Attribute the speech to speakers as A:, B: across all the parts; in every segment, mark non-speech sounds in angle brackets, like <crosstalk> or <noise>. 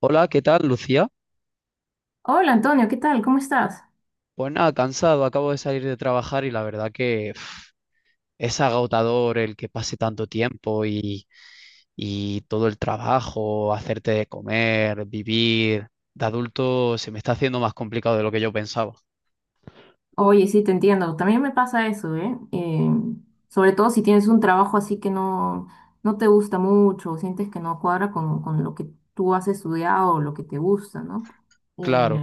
A: Hola, ¿qué tal, Lucía?
B: Hola Antonio, ¿qué tal? ¿Cómo estás?
A: Pues nada, cansado, acabo de salir de trabajar y la verdad que uf, es agotador el que pase tanto tiempo y todo el trabajo, hacerte de comer, vivir. De adulto se me está haciendo más complicado de lo que yo pensaba.
B: Oye, sí, te entiendo. También me pasa eso, ¿eh? Sobre todo si tienes un trabajo así que no te gusta mucho, o sientes que no cuadra con lo que tú has estudiado o lo que te gusta, ¿no? Eh,
A: Claro,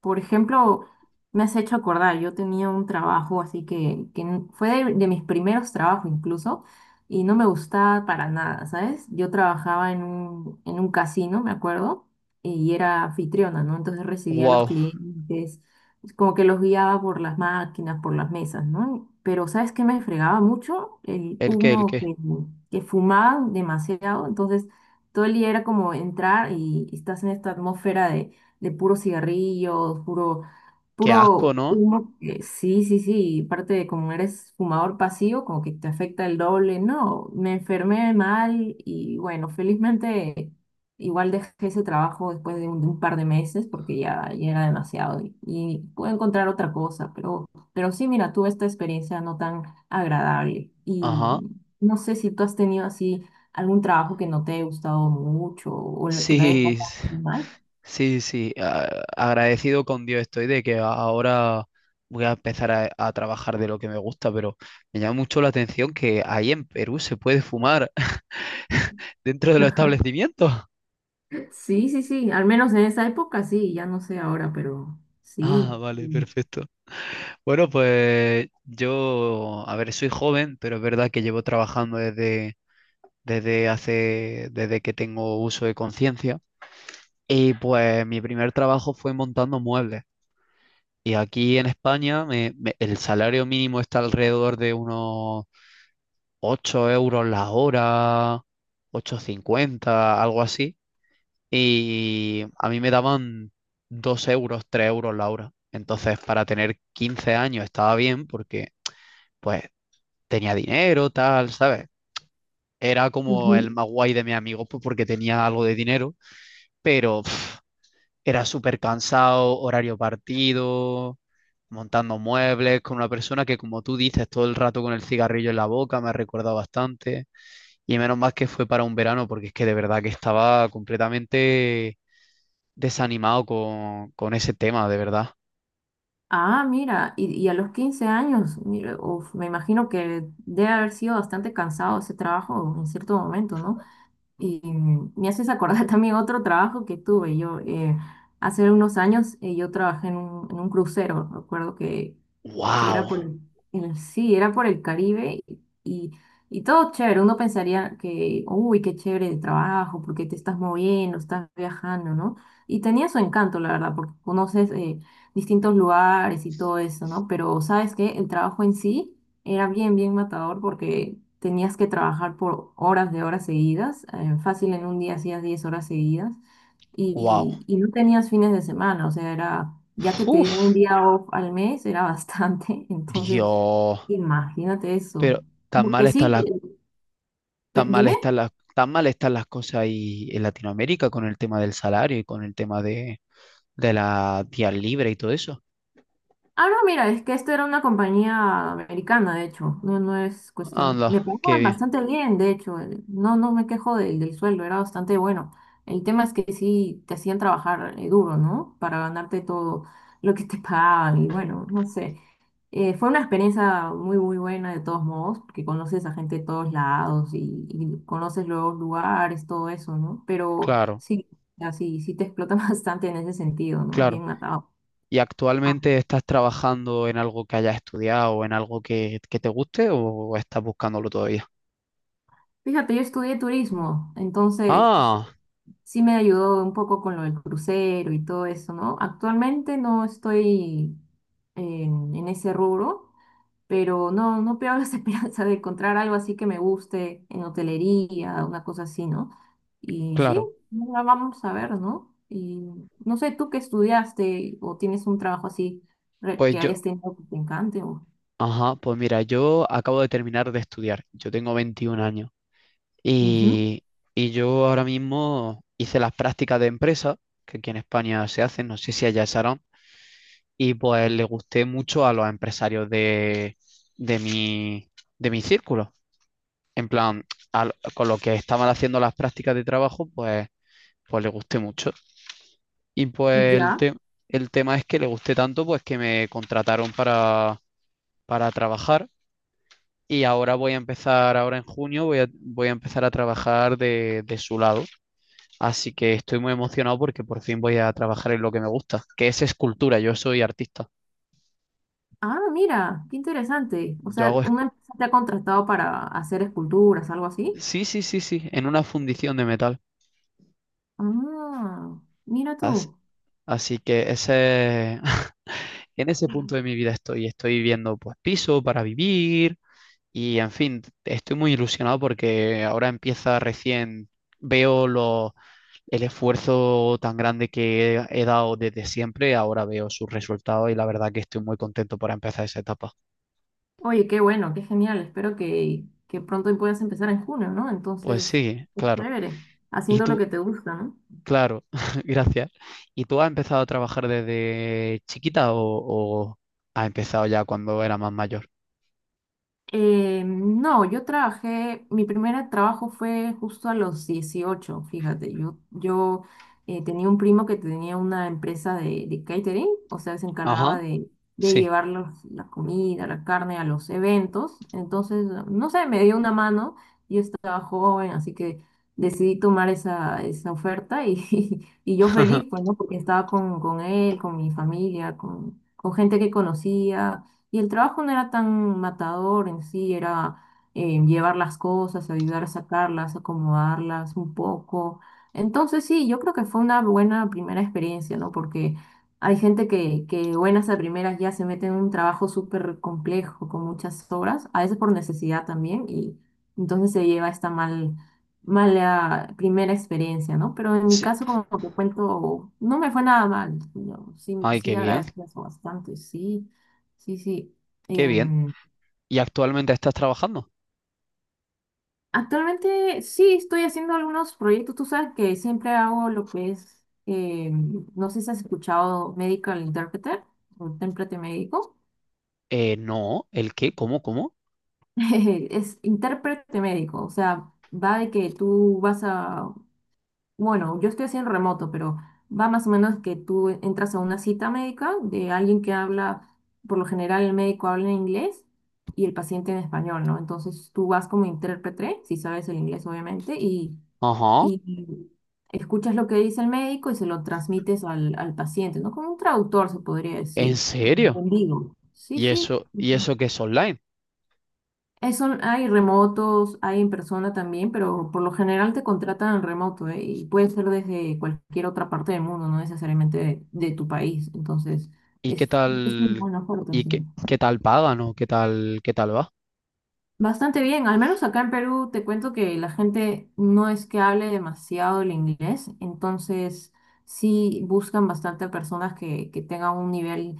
B: por ejemplo, me has hecho acordar, yo tenía un trabajo así fue de mis primeros trabajos incluso, y no me gustaba para nada, ¿sabes? Yo trabajaba en un casino, me acuerdo, y era anfitriona, ¿no? Entonces recibía a los
A: wow,
B: clientes como que los guiaba por las máquinas, por las mesas, ¿no? Pero ¿sabes qué me fregaba mucho? El
A: ¿el qué, el
B: humo
A: qué?
B: que, que fumaban demasiado, entonces todo el día era como entrar y estás en esta atmósfera de puro cigarrillo,
A: Qué asco,
B: puro
A: ¿no?
B: humo. Que sí, sí, sí, y parte de como eres fumador pasivo, como que te afecta el doble, ¿no? Me enfermé mal y bueno, felizmente... Igual dejé ese trabajo después de de un par de meses porque ya era demasiado y pude encontrar otra cosa, pero sí, mira, tuve esta experiencia no tan agradable y
A: Ajá,
B: no sé si tú has tenido así algún trabajo que no te haya gustado mucho o lo que la hayas
A: sí,
B: pasado muy
A: <laughs>
B: mal.
A: Sí, sí, agradecido con Dios estoy de que ahora voy a empezar a trabajar de lo que me gusta, pero me llama mucho la atención que ahí en Perú se puede fumar <laughs> dentro de los
B: <laughs>
A: establecimientos. <laughs>
B: Sí, sí, sí, al menos en esa época sí, ya no sé ahora, pero
A: Ah,
B: sí.
A: vale,
B: Mm.
A: perfecto. Bueno, pues yo, a ver, soy joven, pero es verdad que llevo trabajando desde que tengo uso de conciencia. Y pues mi primer trabajo fue montando muebles. Y aquí en España el salario mínimo está alrededor de unos 8 euros la hora, 8,50 algo así. Y a mí me daban 2 euros, 3 euros la hora. Entonces, para tener 15 años estaba bien porque, pues, tenía dinero, tal, ¿sabes? Era como el
B: Ujú.
A: más guay de mis amigos, pues, porque tenía algo de dinero, pero pf, era súper cansado, horario partido, montando muebles con una persona que, como tú dices, todo el rato con el cigarrillo en la boca, me ha recordado bastante. Y menos mal que fue para un verano, porque es que de verdad que estaba completamente desanimado con ese tema, de verdad.
B: Ah, mira, y a los 15 años, mira, uf, me imagino que debe haber sido bastante cansado ese trabajo en cierto momento, ¿no? Y mm, me haces acordar <laughs> también otro trabajo que tuve. Yo hace unos años yo trabajé en un crucero. Recuerdo que que era por
A: ¡Wow!
B: el, sí, era por el Caribe y, y todo chévere. Uno pensaría que, uy, qué chévere el trabajo, porque te estás moviendo, estás viajando, ¿no? Y tenía su encanto, la verdad, porque conoces distintos lugares y todo eso, ¿no? Pero sabes que el trabajo en sí era bien matador porque tenías que trabajar por horas de horas seguidas. Fácil en un día hacías 10 horas seguidas
A: ¡Wow!
B: y no tenías fines de semana, o sea, era, ya que te dieron
A: ¡Uf!
B: un día off al mes, era bastante, <laughs> entonces
A: Dios.
B: imagínate eso.
A: Pero tan mal
B: Porque
A: están
B: sí,
A: las,
B: dime.
A: tan mal están las cosas ahí en Latinoamérica con el tema del salario y con el tema de la días libres y todo eso.
B: Ah, no, mira, es que esto era una compañía americana, de hecho, no es cuestión,
A: Anda,
B: me
A: qué
B: pagaban
A: bien.
B: bastante bien, de hecho, no me quejo del sueldo, era bastante bueno. El tema es que sí te hacían trabajar duro, ¿no? Para ganarte todo lo que te <laughs> pagaban y bueno, no sé. Fue una experiencia muy buena de todos modos, porque conoces a gente de todos lados y conoces los lugares, todo eso, ¿no? Pero
A: Claro,
B: sí, así, sí te explota <laughs> bastante en ese sentido, ¿no? Es
A: claro.
B: bien atado.
A: ¿Y
B: Ah,
A: actualmente estás trabajando en algo que hayas estudiado o en algo que te guste o estás buscándolo todavía?
B: fíjate, yo estudié turismo, entonces
A: Ah,
B: sí me ayudó un poco con lo del crucero y todo eso, ¿no? Actualmente no estoy en ese rubro, pero no, no pierdo las <laughs> esperanzas de encontrar algo así que me guste en hotelería, una cosa así, ¿no? Y sí,
A: claro.
B: la vamos a ver, ¿no? Y no sé, tú qué estudiaste o tienes un trabajo así re-
A: Pues
B: que
A: yo,
B: hayas tenido que te encante o...
A: ajá, pues mira, yo acabo de terminar de estudiar. Yo tengo 21 años
B: Ujú.
A: y, y yo ahora mismo hice las prácticas de empresa, que aquí en España se hacen, no sé si allá se harán, y pues le gusté mucho a los empresarios de mi, de mi círculo. En plan, con lo que estaban haciendo las prácticas de trabajo, pues le gusté mucho. Y pues
B: Ya.
A: el tema es que le gusté tanto, pues que me contrataron para trabajar y ahora voy a empezar, ahora en junio voy a empezar a trabajar de su lado. Así que estoy muy emocionado porque por fin voy a trabajar en lo que me gusta, que es escultura. Yo soy artista.
B: Ah, mira, qué interesante. O
A: Yo
B: sea,
A: hago...
B: una empresa te ha contratado para hacer esculturas, algo así.
A: Sí, sí, sí, sí, en una fundición de metal.
B: Ah, mira
A: Así,
B: tú.
A: así que ese... <laughs> en ese punto de mi vida estoy. Estoy viendo pues piso para vivir. Y en fin, estoy muy ilusionado porque ahora empieza recién, veo lo- el esfuerzo tan grande que he dado desde siempre, ahora veo sus resultados y la verdad que estoy muy contento para empezar esa etapa.
B: Oye, qué bueno, qué genial. Espero que pronto puedas empezar en junio, ¿no?
A: Pues
B: Entonces,
A: sí,
B: qué
A: claro.
B: chévere.
A: ¿Y
B: Haciendo lo
A: tú?
B: que te gusta, ¿no?
A: Claro, <laughs> gracias. ¿Y tú has empezado a trabajar desde chiquita o has empezado ya cuando era más mayor?
B: No, yo trabajé, mi primer trabajo fue justo a los 18. Fíjate, yo tenía un primo que tenía una empresa de catering, o sea, se encargaba
A: Ajá,
B: de
A: sí.
B: llevar la comida, la carne a los eventos, entonces, no sé, me dio una mano, yo estaba joven, así que decidí tomar esa oferta y, <laughs> y yo feliz,
A: <laughs>
B: pues, ¿no? Porque estaba con él, con mi familia, con gente que conocía y el trabajo no era tan matador en sí, era llevar las cosas, ayudar a sacarlas, acomodarlas un poco. Entonces sí, yo creo que fue una buena primera experiencia, ¿no? Porque hay gente que buenas a primeras ya se mete en un trabajo súper complejo, con muchas horas, a veces por necesidad también, y entonces se lleva mala primera experiencia, ¿no? Pero en mi
A: Sí.
B: caso, como te cuento, no me fue nada mal. Yo sí,
A: Ay,
B: sí
A: qué bien,
B: agradezco eso bastante, sí. Sí, sí.
A: qué bien.
B: Em,
A: ¿Y actualmente estás trabajando?
B: actualmente sí estoy haciendo algunos proyectos. Tú sabes que siempre hago lo que es, no sé si has escuchado Medical Interpreter o intérprete médico.
A: No, ¿el qué? ¿Cómo, cómo?
B: <laughs> Es intérprete médico, o sea, va de que tú vas a... Bueno, yo estoy haciendo remoto, pero va más o menos que tú entras a una cita médica de alguien que habla, por lo general el médico habla en inglés y el paciente en español, ¿no? Entonces tú vas como intérprete, si sabes el inglés obviamente,
A: Ajá,
B: y escuchas lo que dice el médico y se lo transmites al paciente, ¿no? Como un traductor se podría
A: ¿en
B: decir,
A: serio?
B: en vivo. Sí, sí.
A: Y eso que es online?
B: Hay remotos, hay en persona también, pero por lo general te contratan remoto, ¿eh? Y puede ser desde cualquier otra parte del mundo, no necesariamente de tu país. Entonces,
A: ¿Y qué
B: es, es una
A: tal,
B: buena oferta,
A: y
B: sí.
A: qué, qué tal pagan o qué tal va?
B: Bastante bien, al menos acá en Perú te cuento que la gente no es que hable demasiado el inglés, entonces sí buscan bastante personas que tengan un nivel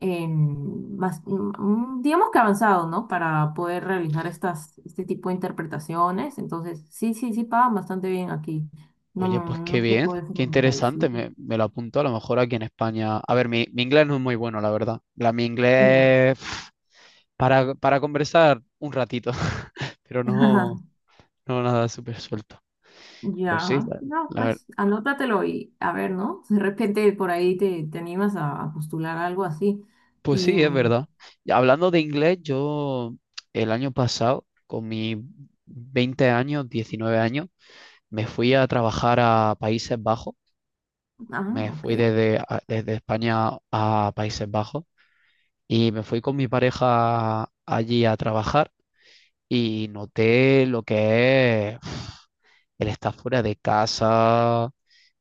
B: digamos que avanzado, ¿no? Para poder realizar este tipo de interpretaciones, entonces sí, sí, sí pagan bastante bien aquí, no,
A: Oye, pues qué
B: no se
A: bien,
B: puede
A: qué
B: preguntar,
A: interesante,
B: sí.
A: me lo apunto a lo mejor aquí en España. A ver, mi inglés no es muy bueno, la verdad. Mi
B: Y no.
A: inglés pf, para conversar un ratito, <laughs> pero no,
B: <laughs>
A: no nada súper suelto. Pues sí,
B: Ya, no,
A: la ver-
B: pues anótatelo y a ver, ¿no? De repente por ahí te animas a postular algo así.
A: pues
B: Y,
A: sí, es verdad. Y hablando de inglés, yo el año pasado, con mis 20 años, 19 años, me fui a trabajar a Países Bajos,
B: ah,
A: me
B: ok,
A: fui desde, a- desde España a Países Bajos y me fui con mi pareja allí a trabajar y noté lo que es <sniffs> el estar fuera de casa,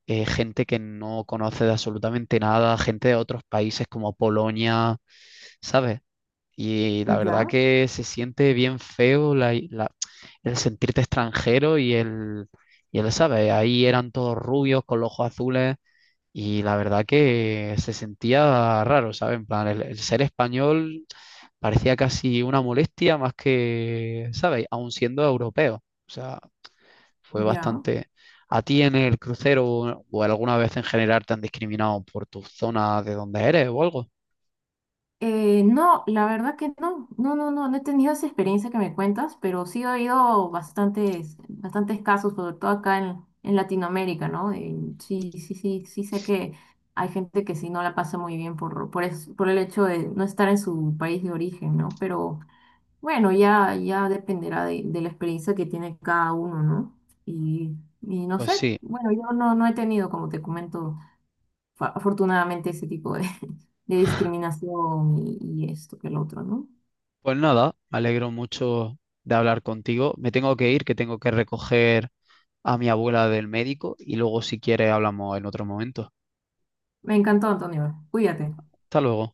A: gente que no conoce de absolutamente nada, gente de otros países como Polonia, ¿sabes? Y la verdad
B: ya,
A: que se siente bien feo el sentirte extranjero y ¿sabes? Ahí eran todos rubios con los ojos azules. Y la verdad que se sentía raro, ¿sabes? En plan, el ser español parecía casi una molestia más que, ¿sabes? Aún siendo europeo. O sea, fue
B: ya.
A: bastante... ¿A ti en el crucero o alguna vez en general te han discriminado por tu zona de donde eres o algo?
B: No, la verdad que no, no, no, no, no he tenido esa experiencia que me cuentas, pero sí he oído bastantes, bastantes casos, sobre todo acá en Latinoamérica, ¿no? Sí, sí, sí, sí sé que hay gente que sí no la pasa muy bien por el hecho de no estar en su país de origen, ¿no? Pero... Bueno, ya, ya dependerá de la experiencia que tiene cada uno, ¿no? Y, y no
A: Pues
B: sé,
A: sí,
B: bueno, yo no, no he tenido, como te comento, afortunadamente ese tipo de discriminación y esto que el otro, ¿no?
A: pues nada, me alegro mucho de hablar contigo. Me tengo que ir, que tengo que recoger a mi abuela del médico y luego si quieres hablamos en otro momento.
B: Me encantó, Antonio. Cuídate.
A: Hasta luego.